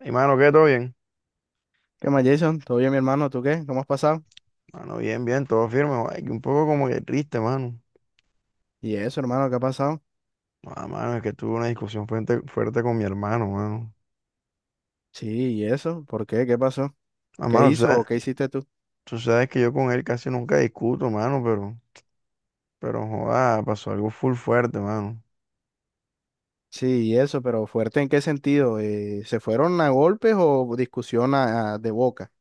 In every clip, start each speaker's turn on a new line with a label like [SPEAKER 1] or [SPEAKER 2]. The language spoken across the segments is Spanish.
[SPEAKER 1] Hey, mano, ¿qué? ¿Todo bien?
[SPEAKER 2] ¿Qué más, Jason? ¿Todo bien, mi hermano? ¿Tú qué? ¿Cómo has pasado?
[SPEAKER 1] Mano, bien, bien, todo firme. Ay, que un poco como que triste, mano.
[SPEAKER 2] ¿Y eso, hermano? ¿Qué ha pasado?
[SPEAKER 1] Ah, mano, es que tuve una discusión fuerte, fuerte con mi hermano, mano.
[SPEAKER 2] Sí, ¿y eso? ¿Por qué? ¿Qué pasó?
[SPEAKER 1] Ah,
[SPEAKER 2] ¿Qué
[SPEAKER 1] mano,
[SPEAKER 2] hizo o qué hiciste tú?
[SPEAKER 1] tú sabes que yo con él casi nunca discuto, mano, pero, joda, pasó algo full fuerte, mano.
[SPEAKER 2] Sí, ¿y eso? ¿Pero fuerte en qué sentido? ¿Se fueron a golpes o discusión de boca?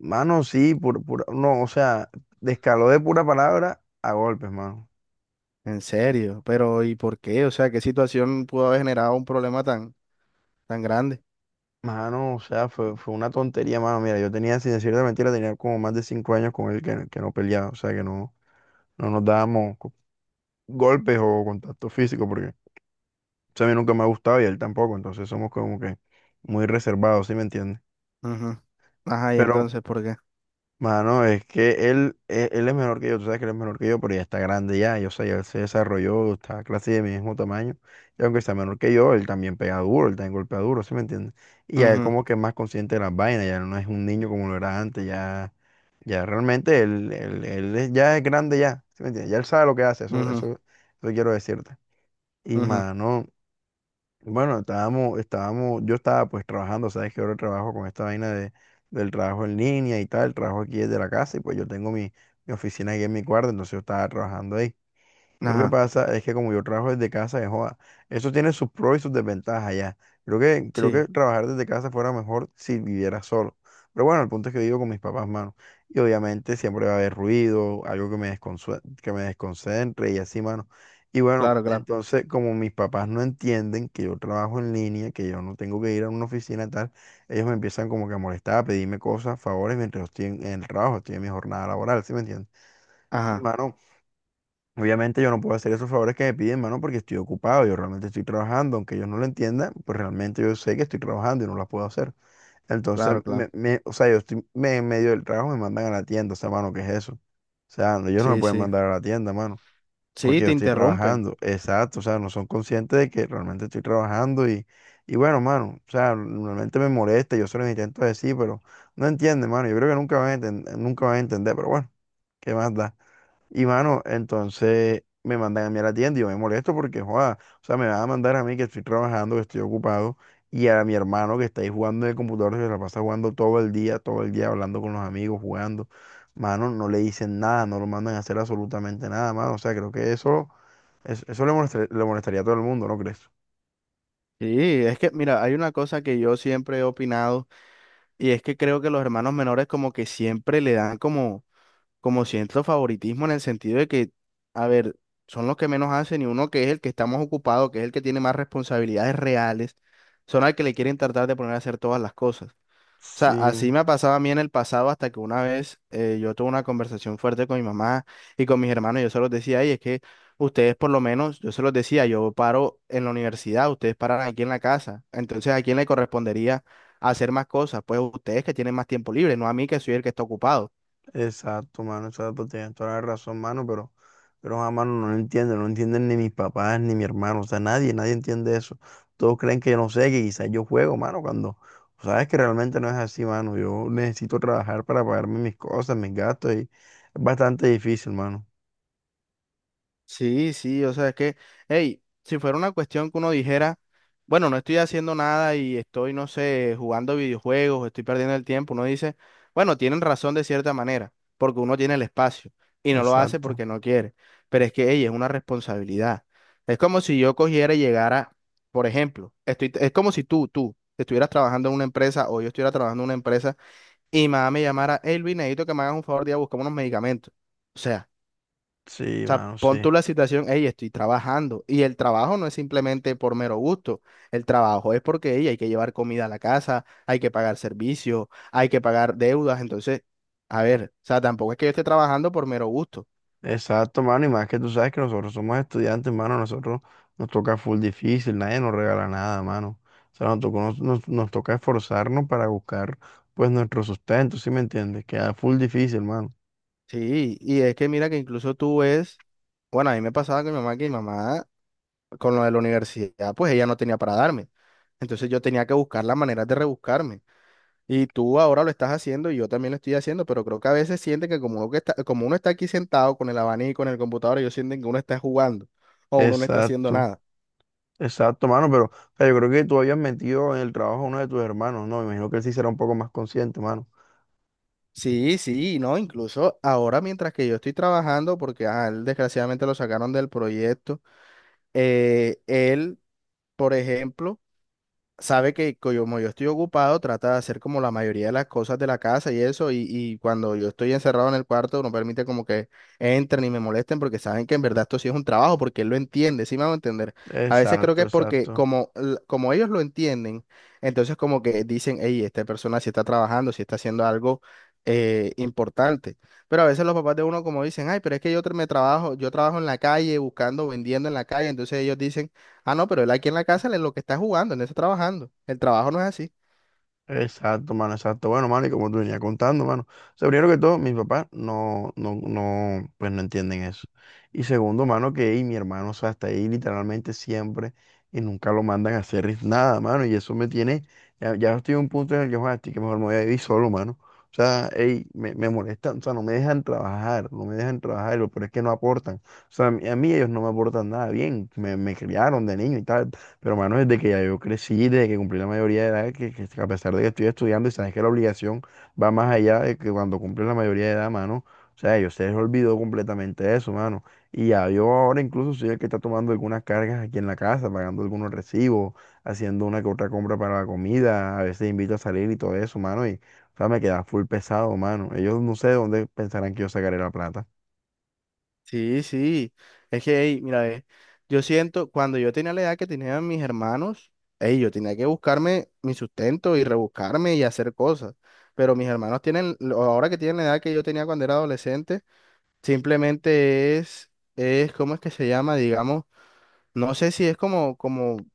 [SPEAKER 1] Mano, sí, no, o sea, descaló de pura palabra a golpes, mano.
[SPEAKER 2] En serio, pero ¿y por qué? O sea, ¿qué situación pudo haber generado un problema tan grande?
[SPEAKER 1] Mano, o sea, fue una tontería, mano. Mira, yo tenía, sin decirte mentira, tenía como más de 5 años con él que no peleaba, o sea, que no, no nos dábamos golpes o contacto físico, porque, o sea, a mí nunca me ha gustado y a él tampoco, entonces somos como que muy reservados, ¿sí me entiendes?
[SPEAKER 2] Ujú. Ajá, ¿y
[SPEAKER 1] Pero,
[SPEAKER 2] entonces por qué?
[SPEAKER 1] mano, es que él es menor que yo, tú sabes que él es menor que yo, pero ya está grande ya, yo sé, ya él se desarrolló, está casi de mi mismo tamaño, y aunque sea menor que yo, él también pega duro, él también golpea duro, ¿sí me entiendes? Y ya él
[SPEAKER 2] Ujú,
[SPEAKER 1] como que es más consciente de las vainas, ya no es un niño como lo era antes, ya realmente ya es grande ya, ¿sí me entiendes? Ya él sabe lo que hace,
[SPEAKER 2] ujú,
[SPEAKER 1] eso quiero decirte. Y,
[SPEAKER 2] ujú.
[SPEAKER 1] mano. Bueno, yo estaba pues trabajando, sabes que ahora trabajo con esta vaina del trabajo en línea y tal, el trabajo aquí desde la casa y pues yo tengo mi oficina aquí en mi cuarto, entonces yo estaba trabajando ahí. Lo que
[SPEAKER 2] Ajá,
[SPEAKER 1] pasa es que como yo trabajo desde casa, de joda, eso tiene sus pros y sus desventajas ya. Creo que
[SPEAKER 2] sí,
[SPEAKER 1] trabajar desde casa fuera mejor si viviera solo. Pero bueno, el punto es que vivo con mis papás, mano. Y obviamente siempre va a haber ruido, algo que que me desconcentre y así, mano. Y bueno,
[SPEAKER 2] claro, claro.
[SPEAKER 1] entonces como mis papás no entienden que yo trabajo en línea, que yo no tengo que ir a una oficina tal, ellos me empiezan como que a molestar, a pedirme cosas, favores, mientras yo estoy en el trabajo, estoy en mi jornada laboral, ¿sí me entiendes? Y,
[SPEAKER 2] Ajá,
[SPEAKER 1] mano, obviamente yo no puedo hacer esos favores que me piden, mano, porque estoy ocupado, yo realmente estoy trabajando, aunque ellos no lo entiendan, pues realmente yo sé que estoy trabajando y no las puedo hacer. Entonces,
[SPEAKER 2] claro, claro.
[SPEAKER 1] o sea, yo estoy en medio del trabajo, me mandan a la tienda, o sea, mano, ¿qué es eso? O sea, no, ellos no me
[SPEAKER 2] Sí,
[SPEAKER 1] pueden
[SPEAKER 2] sí.
[SPEAKER 1] mandar a la tienda, mano,
[SPEAKER 2] Sí,
[SPEAKER 1] porque yo
[SPEAKER 2] te
[SPEAKER 1] estoy
[SPEAKER 2] interrumpen.
[SPEAKER 1] trabajando, exacto, o sea, no son conscientes de que realmente estoy trabajando y bueno, mano, o sea, realmente me molesta, yo se los intento decir, pero no entienden, mano, yo creo que nunca van a entender, pero bueno, ¿qué más da? Y mano, entonces me mandan a mí a la tienda y yo me molesto porque, joda, o sea, me van a mandar a mí que estoy trabajando, que estoy ocupado, y a mi hermano que está ahí jugando en el computador, que se la pasa jugando todo el día hablando con los amigos, jugando. Mano, no le dicen nada, no lo mandan a hacer absolutamente nada, mano. O sea, creo que eso, eso, le molestaría a todo el mundo, ¿no crees?
[SPEAKER 2] Sí, es que, mira, hay una cosa que yo siempre he opinado y es que creo que los hermanos menores como que siempre le dan como cierto favoritismo en el sentido de que, a ver, son los que menos hacen y uno que es el que está más ocupado, que es el que tiene más responsabilidades reales, son al que le quieren tratar de poner a hacer todas las cosas. O sea,
[SPEAKER 1] Sí,
[SPEAKER 2] así me ha pasado a mí en el pasado hasta que una vez yo tuve una conversación fuerte con mi mamá y con mis hermanos. Yo se los decía, y es que ustedes por lo menos, yo se los decía, yo paro en la universidad, ustedes paran aquí en la casa. Entonces, ¿a quién le correspondería hacer más cosas? Pues ustedes que tienen más tiempo libre, no a mí que soy el que está ocupado.
[SPEAKER 1] exacto, mano, exacto, tienes toda la razón, mano, pero a mano no lo entienden, no lo entienden ni mis papás, ni mi hermano, o sea, nadie, nadie entiende eso. Todos creen que yo no sé, que quizás yo juego, mano, cuando sabes que realmente no es así, mano. Yo necesito trabajar para pagarme mis cosas, mis gastos, y es bastante difícil, mano.
[SPEAKER 2] Sí, sí, o sea, es que, hey, si fuera una cuestión que uno dijera, bueno, no estoy haciendo nada y estoy, no sé, jugando videojuegos, estoy perdiendo el tiempo, uno dice, bueno, tienen razón de cierta manera, porque uno tiene el espacio y no lo hace
[SPEAKER 1] Exacto.
[SPEAKER 2] porque no quiere, pero es que, hey, es una responsabilidad. Es como si yo cogiera y llegara, por ejemplo, estoy, es como si tú estuvieras trabajando en una empresa o yo estuviera trabajando en una empresa y mamá me llamara, hey, Luis, necesito que me hagas un favor de ir a buscar unos medicamentos. O sea. O
[SPEAKER 1] Sí,
[SPEAKER 2] sea,
[SPEAKER 1] mano,
[SPEAKER 2] pon
[SPEAKER 1] sí.
[SPEAKER 2] tú la situación, hey, estoy trabajando. Y el trabajo no es simplemente por mero gusto. El trabajo es porque ey, hay que llevar comida a la casa, hay que pagar servicios, hay que pagar deudas. Entonces, a ver, o sea, tampoco es que yo esté trabajando por mero gusto.
[SPEAKER 1] Exacto, mano, y más que tú sabes que nosotros somos estudiantes, mano, nosotros nos toca full difícil, nadie nos regala nada, mano. O sea, nos tocó- nos, nos- nos toca esforzarnos para buscar, pues, nuestro sustento, ¿sí me entiendes? Queda full difícil, mano.
[SPEAKER 2] Sí, y es que mira que incluso tú ves, bueno, a mí me pasaba con mi mamá que con lo de la universidad, pues ella no tenía para darme. Entonces yo tenía que buscar las maneras de rebuscarme. Y tú ahora lo estás haciendo y yo también lo estoy haciendo, pero creo que a veces sienten que como uno, que está, como uno está aquí sentado con el abanico en el computador, ellos sienten que uno está jugando o uno no está haciendo
[SPEAKER 1] Exacto,
[SPEAKER 2] nada.
[SPEAKER 1] exacto, mano, pero, o sea, yo creo que tú habías metido en el trabajo a uno de tus hermanos, ¿no? Me imagino que él sí será un poco más consciente, mano.
[SPEAKER 2] Sí, sí, no, incluso ahora mientras que yo estoy trabajando, porque a él desgraciadamente lo sacaron del proyecto, eh, él, por ejemplo, sabe que como yo estoy ocupado, trata de hacer como la mayoría de las cosas de la casa y eso, y cuando yo estoy encerrado en el cuarto, no permite como que entren y me molesten porque saben que en verdad esto sí es un trabajo, porque él lo entiende, sí me va a entender. A veces creo que
[SPEAKER 1] Exacto,
[SPEAKER 2] es porque
[SPEAKER 1] exacto.
[SPEAKER 2] como, como ellos lo entienden, entonces como que dicen, hey, esta persona sí está trabajando, sí está haciendo algo. Importante, pero a veces los papás de uno como dicen, ay, pero es que yo yo trabajo en la calle buscando, vendiendo en la calle, entonces ellos dicen: ah, no, pero él aquí en la casa, él es lo que está jugando, él no está trabajando. El trabajo no es así.
[SPEAKER 1] Exacto, mano, exacto. Bueno, mano, y como tú venías contando, mano. O sea, primero que todo, mis papás no, no, no, pues no entienden eso. Y segundo, mano, que ey, mi hermano, o sea, está ahí literalmente siempre y nunca lo mandan a hacer nada, mano. Y eso me tiene, ya estoy en un punto en el que, joder, estoy que mejor me voy a vivir solo, mano. O sea, ey, me molestan, o sea, no me dejan trabajar, no me dejan trabajar, pero es que no aportan. O sea, a mí ellos no me aportan nada bien, me criaron de niño y tal. Pero, mano, desde que ya yo crecí, desde que cumplí la mayoría de edad, que a pesar de que estoy estudiando y sabes que la obligación va más allá de que cuando cumples la mayoría de edad, mano, o sea, ellos se les olvidó completamente eso, mano. Y ya yo ahora incluso soy el que está tomando algunas cargas aquí en la casa, pagando algunos recibos, haciendo una que otra compra para la comida, a veces invito a salir y todo eso, mano, y, o sea, me queda full pesado, mano. Ellos no sé de dónde pensarán que yo sacaré la plata.
[SPEAKER 2] Sí, sí. Es que, ey, mira, ve, yo siento, cuando yo tenía la edad que tenían mis hermanos, ey, yo tenía que buscarme mi sustento y rebuscarme y hacer cosas. Pero mis hermanos tienen, ahora que tienen la edad que yo tenía cuando era adolescente, simplemente es, ¿cómo es que se llama? Digamos, no sé si es como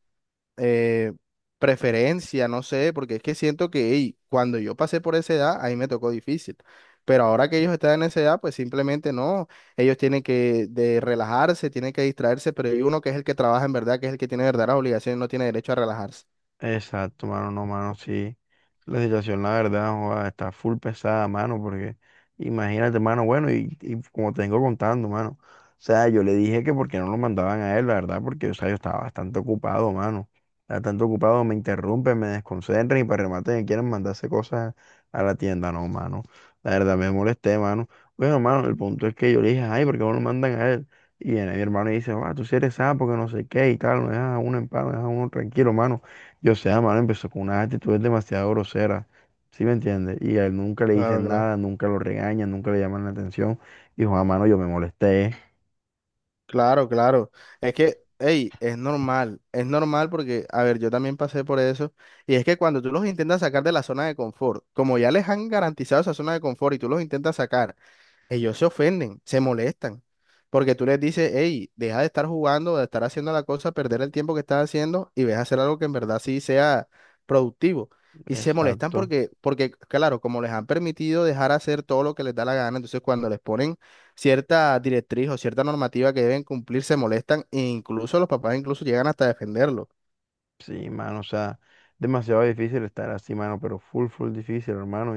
[SPEAKER 2] eh, preferencia, no sé, porque es que siento que ey, cuando yo pasé por esa edad, ahí me tocó difícil. Pero ahora que ellos están en esa edad, pues simplemente no. Ellos tienen que de relajarse, tienen que distraerse, pero hay uno que es el que trabaja en verdad, que es el que tiene verdaderas obligaciones, no tiene derecho a relajarse.
[SPEAKER 1] Exacto, mano, no, mano, sí. La situación, la verdad, joda, está full pesada, mano, porque imagínate, mano, bueno, y como te vengo contando, mano, o sea, yo le dije que porque no lo mandaban a él, la verdad, porque, o sea, yo estaba bastante ocupado, mano, estaba bastante ocupado, me interrumpen, me desconcentran y para remate me quieren mandarse cosas a la tienda, no, mano, la verdad, me molesté, mano. Bueno, mano, el punto es que yo le dije, ay, ¿por qué no lo mandan a él? Y viene mi hermano y dice, ah, tú sí eres sapo, que no sé qué y tal, me dejas a uno en paz, me dejas a uno tranquilo, mano. Yo sé, mano, empezó con unas actitudes demasiado groseras, ¿sí me entiendes? Y a él nunca le
[SPEAKER 2] Claro,
[SPEAKER 1] dicen
[SPEAKER 2] claro.
[SPEAKER 1] nada, nunca lo regañan, nunca le llaman la atención. Y Juan, mano, yo me molesté.
[SPEAKER 2] Claro, claro. Es que, hey, es normal porque, a ver, yo también pasé por eso. Y es que cuando tú los intentas sacar de la zona de confort, como ya les han garantizado esa zona de confort y tú los intentas sacar, ellos se ofenden, se molestan, porque tú les dices, hey, deja de estar jugando, de estar haciendo la cosa, perder el tiempo que estás haciendo y ves a hacer algo que en verdad sí sea productivo. Y se molestan
[SPEAKER 1] Exacto.
[SPEAKER 2] porque, claro, como les han permitido dejar hacer todo lo que les da la gana, entonces cuando les ponen cierta directriz o cierta normativa que deben cumplir, se molestan e incluso los papás incluso llegan hasta defenderlo.
[SPEAKER 1] Sí, mano, o sea, demasiado difícil estar así, mano, pero full, full difícil, hermano.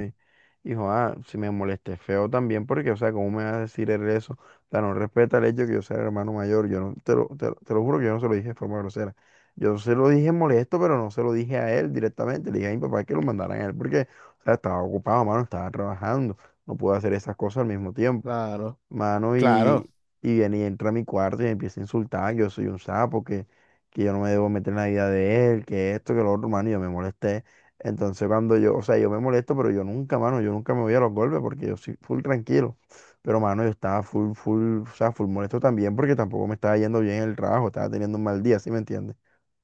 [SPEAKER 1] Hijo, ah, si me molesté feo también, porque, o sea, ¿cómo me vas a decir él eso? O sea, no respeta el hecho de que yo sea el hermano mayor. Yo no, te lo juro que yo no se lo dije de forma grosera. Yo se lo dije molesto, pero no se lo dije a él directamente. Le dije a mi papá que lo mandaran a él, porque, o sea, estaba ocupado, mano, estaba trabajando. No pude hacer esas cosas al mismo tiempo.
[SPEAKER 2] Claro,
[SPEAKER 1] Mano,
[SPEAKER 2] claro.
[SPEAKER 1] y viene y entra a mi cuarto y me empieza a insultar. Yo soy un sapo, que yo no me debo meter en la vida de él, que esto, que lo otro, mano, y yo me molesté. Entonces, cuando yo, o sea, yo me molesto, pero yo nunca, mano, yo nunca me voy a los golpes porque yo soy full tranquilo. Pero, mano, yo estaba full, full, o sea, full molesto también porque tampoco me estaba yendo bien en el trabajo, estaba teniendo un mal día, ¿sí me entiendes?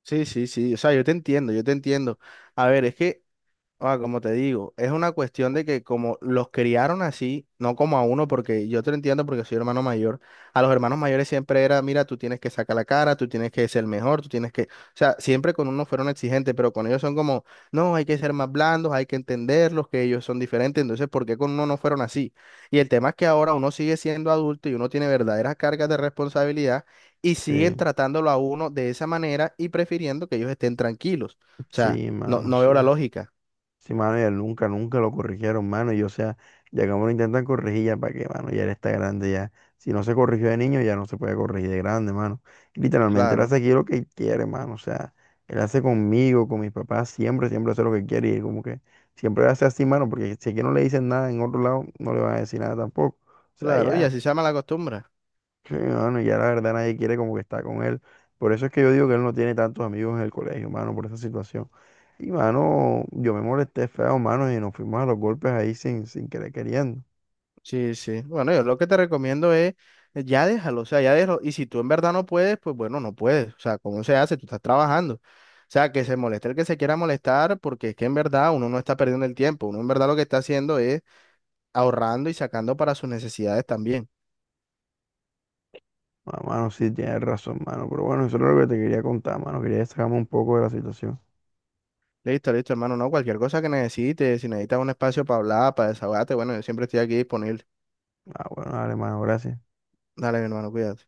[SPEAKER 2] Sí, sí, sí. O sea, yo te entiendo, yo te entiendo. A ver, es que ah, como te digo, es una cuestión de que como los criaron así, no como a uno, porque yo te lo entiendo porque soy hermano mayor, a los hermanos mayores siempre era, mira, tú tienes que sacar la cara, tú tienes que ser mejor, tú tienes que, o sea, siempre con uno fueron exigentes, pero con ellos son como, no, hay que ser más blandos, hay que entenderlos, que ellos son diferentes, entonces, ¿por qué con uno no fueron así? Y el tema es que ahora uno sigue siendo adulto y uno tiene verdaderas cargas de responsabilidad y siguen
[SPEAKER 1] Sí,
[SPEAKER 2] tratándolo a uno de esa manera y prefiriendo que ellos estén tranquilos. O sea, no veo la
[SPEAKER 1] sí.
[SPEAKER 2] lógica.
[SPEAKER 1] Sí, mano, ya nunca, nunca lo corrigieron, mano. Y o sea, ya como lo intentan corregir, ya para qué, mano, ya él está grande ya. Si no se corrigió de niño, ya no se puede corregir de grande, mano. Y literalmente él hace
[SPEAKER 2] Claro,
[SPEAKER 1] aquí lo que quiere, mano. O sea, él hace conmigo, con mis papás, siempre, siempre hace lo que quiere. Y como que siempre hace así, mano, porque si aquí no le dicen nada en otro lado, no le van a decir nada tampoco. O sea,
[SPEAKER 2] claro, y así
[SPEAKER 1] ya.
[SPEAKER 2] se llama la costumbre.
[SPEAKER 1] Sí, mano, y ya la verdad nadie quiere como que está con él. Por eso es que yo digo que él no tiene tantos amigos en el colegio, mano, por esa situación. Y, mano, yo me molesté feo, mano, y nos fuimos a los golpes ahí sin querer queriendo.
[SPEAKER 2] Sí, sí. Bueno, yo lo que te recomiendo es, ya déjalo, o sea, ya déjalo. Y si tú en verdad no puedes, pues bueno, no puedes. O sea, ¿cómo se hace? Tú estás trabajando. O sea, que se moleste el que se quiera molestar, porque es que en verdad uno no está perdiendo el tiempo. Uno en verdad lo que está haciendo es ahorrando y sacando para sus necesidades también.
[SPEAKER 1] Ah, mano, sí, tienes razón, mano. Pero bueno, eso es lo que te quería contar, mano. Quería sacarme un poco de la situación.
[SPEAKER 2] Listo, listo, hermano. No, cualquier cosa que necesites, si necesitas un espacio para hablar, para desahogarte, bueno, yo siempre estoy aquí disponible.
[SPEAKER 1] Ah, bueno, dale, mano, gracias.
[SPEAKER 2] Dale, mi hermano, cuídate.